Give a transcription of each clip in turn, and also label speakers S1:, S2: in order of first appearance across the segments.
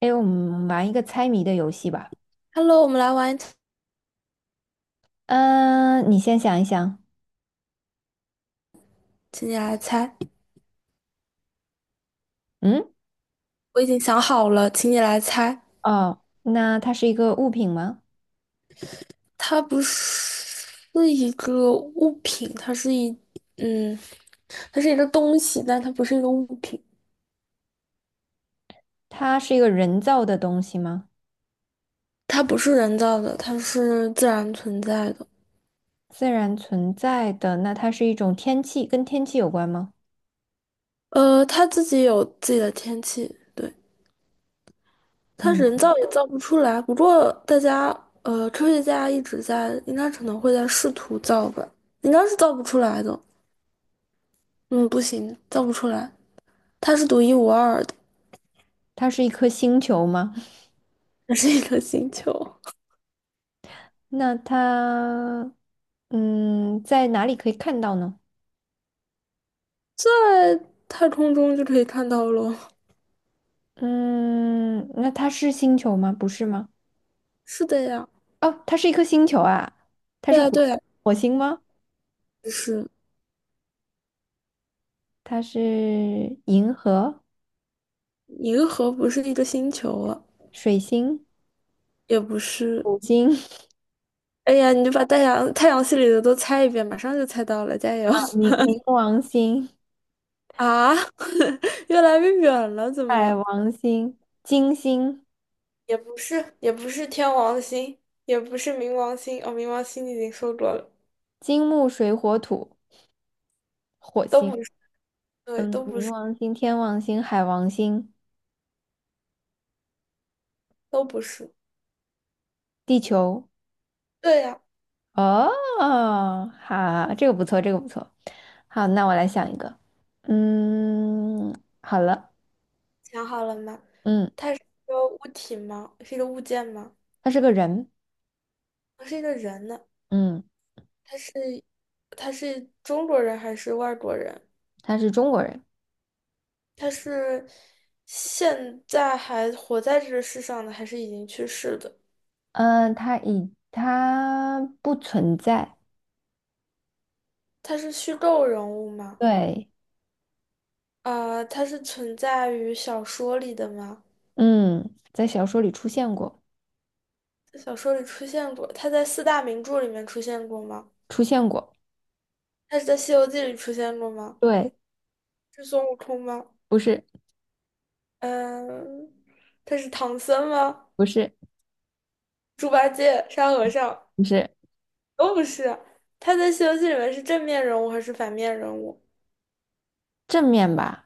S1: 哎，我们玩一个猜谜的游戏吧。
S2: Hello,我们来玩
S1: 嗯，你先想一想。
S2: 请你来猜。
S1: 嗯，
S2: 我已经想好了，请你来猜。
S1: 哦，那它是一个物品吗？
S2: 它不是一个物品，它是一，嗯，它是一个东西，但它不是一个物品。
S1: 它是一个人造的东西吗？
S2: 它不是人造的，它是自然存在的。
S1: 自然存在的，那它是一种天气，跟天气有关吗？
S2: 它自己有自己的天气，对，它人
S1: 嗯，
S2: 造也造不出来。不过大家，科学家一直在，应该可能会在试图造吧，应该是造不出来的。嗯，不行，造不出来，它是独一无二的。
S1: 它是一颗星球吗？
S2: 这是一个星球，
S1: 那它，嗯，在哪里可以看到呢？
S2: 在太空中就可以看到喽。
S1: 嗯，那它是星球吗？不是吗？
S2: 是的呀，
S1: 哦，它是一颗星球啊，它
S2: 对
S1: 是
S2: 呀，
S1: 火
S2: 对呀，
S1: 火星吗？
S2: 就是
S1: 它是银河、
S2: 银河不是一个星球了，
S1: 水星。
S2: 也不是。
S1: 土星
S2: 哎呀，你就把太阳系里的都猜一遍，马上就猜到了，加油！
S1: 啊 冥王星、
S2: 啊，越来越远了，怎
S1: 海
S2: 么？
S1: 王星、金星、
S2: 也不是，也不是天王星，也不是冥王星。哦，冥王星你已经说过了，
S1: 金木水火土、火
S2: 都不
S1: 星，
S2: 是，对，
S1: 嗯，
S2: 都不
S1: 冥
S2: 是，
S1: 王星、天王星、海王星、
S2: 都不是。
S1: 地球。
S2: 对呀，
S1: 哦，好，这个不错，这个不错。好，那我来想一个。嗯，好了，
S2: 想好了吗？
S1: 嗯，
S2: 它是一个物体吗？是一个物件吗？
S1: 他是个人，
S2: 他是一个人呢，
S1: 嗯，
S2: 他是他是中国人还是外国人？
S1: 他是中国人，
S2: 他是现在还活在这个世上的，还是已经去世的？
S1: 嗯，他不存在，
S2: 他是虚构人物吗？
S1: 对，
S2: 啊、他是存在于小说里的吗？
S1: 嗯，在小说里出现过，
S2: 在小说里出现过，他在四大名著里面出现过吗？
S1: 出现过，
S2: 他是在《西游记》里出现过吗？
S1: 对。
S2: 是孙悟空吗？
S1: 不是，
S2: 嗯、他是唐僧吗？
S1: 不是，
S2: 猪八戒、沙和尚。
S1: 不是
S2: 都不是，他在《西游记》里面是正面人物还是反面人物？
S1: 正面吧？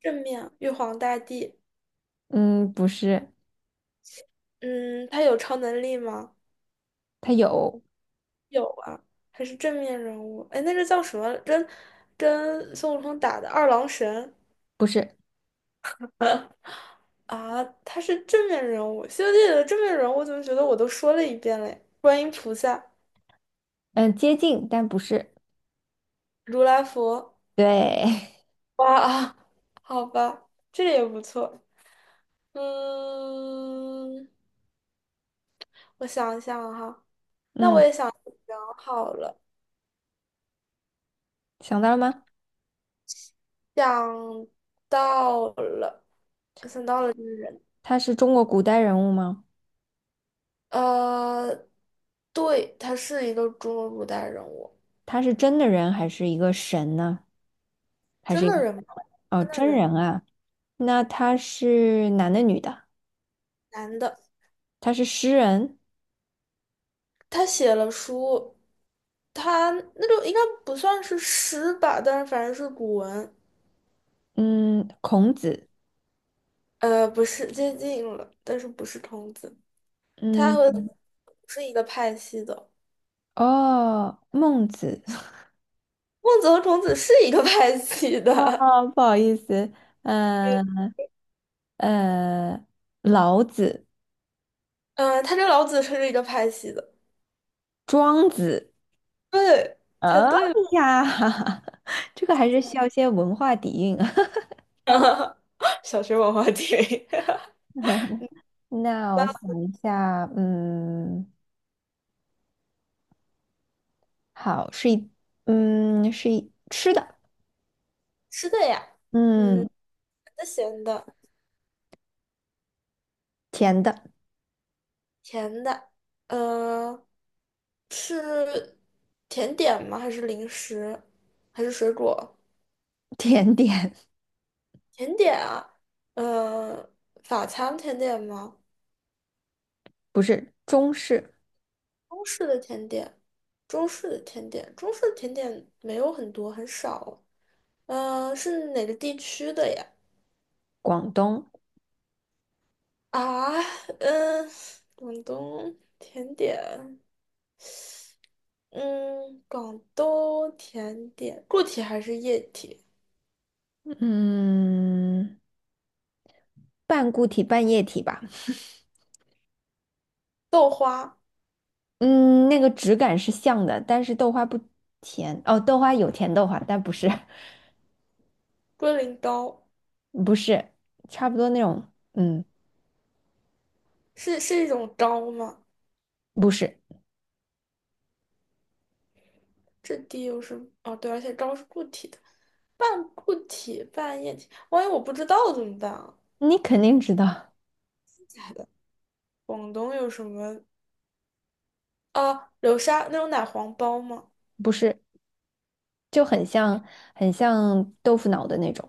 S2: 正面，玉皇大帝。
S1: 嗯，不是，
S2: 嗯，他有超能力吗？
S1: 它有，
S2: 有啊，还是正面人物。哎，那个叫什么？跟孙悟空打的二郎神
S1: 不是，
S2: 啊，他是正面人物。《西游记》里的正面人物，我怎么觉得我都说了一遍嘞？观音菩萨、
S1: 嗯，接近，但不是。
S2: 如来佛。
S1: 对，
S2: 哇啊，好吧，这个也不错。嗯，我想一想哈，
S1: 嗯，
S2: 想好了。
S1: 想到了吗？
S2: 想到了，想到了这个人，
S1: 他是中国古代人物吗？
S2: 呃，对，他是一个中国古代人物，
S1: 他是真的人还是一个神呢？还是
S2: 真
S1: 一
S2: 的
S1: 个
S2: 人吗？
S1: 哦，
S2: 真的
S1: 真
S2: 人，
S1: 人啊？那他是男的女的？
S2: 男的，
S1: 他是诗人，
S2: 他写了书，他那就应该不算是诗吧，但是反正是古文，
S1: 嗯，孔子，
S2: 不是接近了，但是不是孔子，他和
S1: 嗯，
S2: 不是一个派系的，
S1: 哦，孟子，
S2: 孟子和孔子是一个派系的，
S1: 哦，不好意思，嗯 呃，老子、
S2: 他跟老子是一个派系的，
S1: 庄子。
S2: 对，猜
S1: 哎
S2: 对。了。
S1: 呀，这个还是需要一些文化底蕴啊。
S2: 小学文化题。
S1: 那我想
S2: 那
S1: 一下，嗯，好，是一，嗯，是一吃的，
S2: 吃的呀，
S1: 嗯，
S2: 甜咸的、
S1: 甜的，
S2: 甜的，呃，是甜点吗？还是零食？还是水果？
S1: 甜点，
S2: 甜点啊，呃，法餐甜点吗？
S1: 不是中式，
S2: 中式的甜点，中式的甜点，中式的甜点没有很多，很少。是哪个地区的呀？
S1: 广东，
S2: 啊，嗯、广东甜点，嗯，广东甜点，固体还是液体？
S1: 嗯，半固体半液体吧，
S2: 豆花、
S1: 嗯，那个质感是像的，但是豆花不甜，哦，豆花有甜豆花，但不是，
S2: 龟苓膏，
S1: 不是，差不多那种，嗯，
S2: 是一种膏吗？
S1: 不是，
S2: 质地又是哦，对，而且膏是固体的，半固体半液体，万一我不知道怎么办啊？
S1: 你肯定知道，
S2: 假的，广东有什么啊？流沙那种奶黄包吗？
S1: 不是。就很像很像豆腐脑的那种，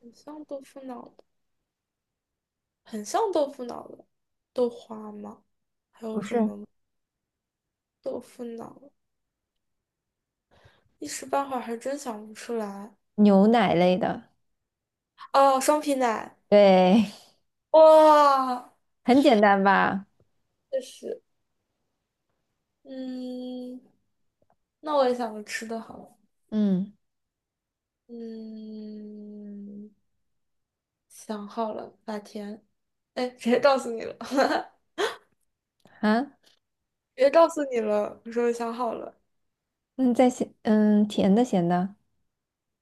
S2: 很像豆腐脑的，很像豆腐脑的，豆花吗？还有
S1: 不
S2: 什
S1: 是，
S2: 么吗豆腐脑？一时半会儿还真想不出来。
S1: 牛奶类的，
S2: 哦，双皮奶。
S1: 对，
S2: 哇，
S1: 很简单吧？
S2: 确实，嗯，那我也想个吃的好了，
S1: 嗯
S2: 嗯，想好了，法甜，哎，直接告诉你了，
S1: 啊，
S2: 直接告诉你了，我说想好了，
S1: 嗯，在咸，嗯，甜的咸的，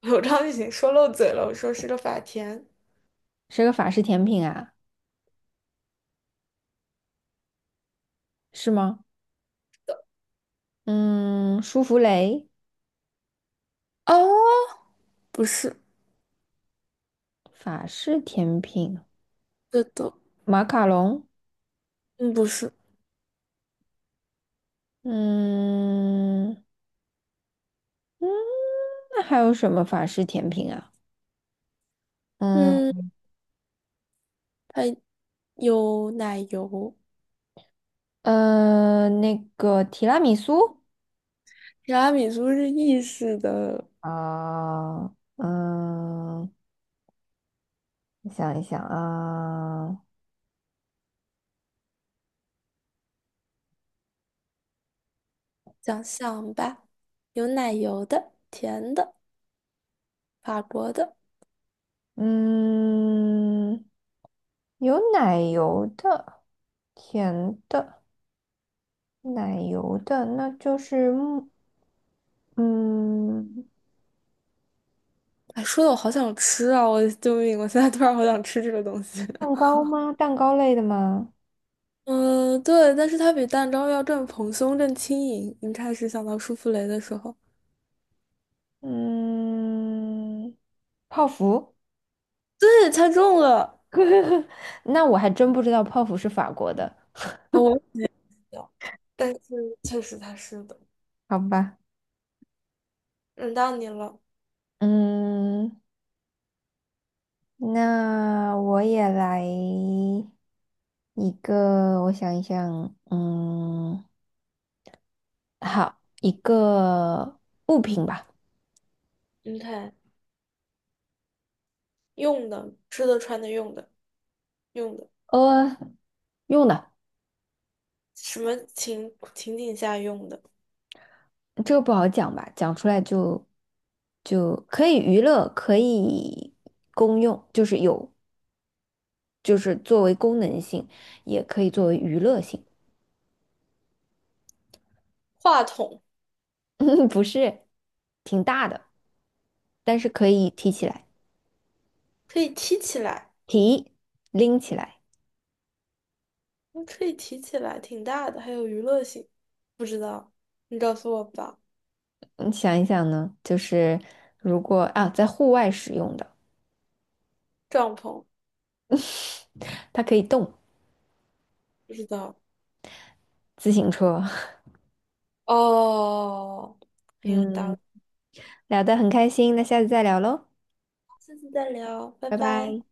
S2: 我刚刚已经说漏嘴了，我说是个法甜，
S1: 是个法式甜品啊，是吗？嗯，舒芙蕾，
S2: 哦，不是，
S1: 法式甜品，
S2: 这都，
S1: 马卡龙，
S2: 嗯，不是，
S1: 嗯嗯，那还有什么法式甜品啊？
S2: 嗯，
S1: 嗯
S2: 还有奶油，
S1: 嗯，那个提拉米苏。
S2: 提拉米苏是意式的
S1: 啊、嗯，我想一想啊、
S2: 想项吧，有奶油的，甜的，法国的。
S1: 嗯，有奶油的，甜的，奶油的，那就是木嗯，
S2: 哎，说的我好想吃啊！我救命！我现在突然好想吃这个东西。
S1: 蛋 糕吗？蛋糕类的吗？
S2: 嗯，对，但是它比蛋糕要更蓬松、更轻盈。你开始想到舒芙蕾的时候，
S1: 嗯，泡芙。
S2: 对，猜中了。
S1: 那我还真不知道泡芙是法国的，
S2: 啊我也有，但是确实它是的。
S1: 好吧。
S2: 轮到你了，
S1: 嗯，那我也来一个，我想一想，嗯。好，一个物品吧，
S2: 你看，用的、吃的、穿的、用的、用的，
S1: 呃，用的，
S2: 什么情景下用的？
S1: 这个不好讲吧，讲出来就可以娱乐，可以公用，就是有，就是作为功能性，也可以作为娱乐性，
S2: 话筒
S1: 不是挺大的，但是可以提起来，
S2: 可以提起来，
S1: 提，拎起来。
S2: 嗯可以提起来，挺大的，还有娱乐性。不知道，你告诉我吧。
S1: 你想一想呢，就是如果啊，在户外使用的，
S2: 帐篷，
S1: 它可以动，
S2: 不知道。
S1: 自行车。
S2: 哦，很有道
S1: 嗯，
S2: 理，
S1: 聊得很开心，那下次再聊喽。
S2: 下次再聊，拜
S1: 拜
S2: 拜。
S1: 拜。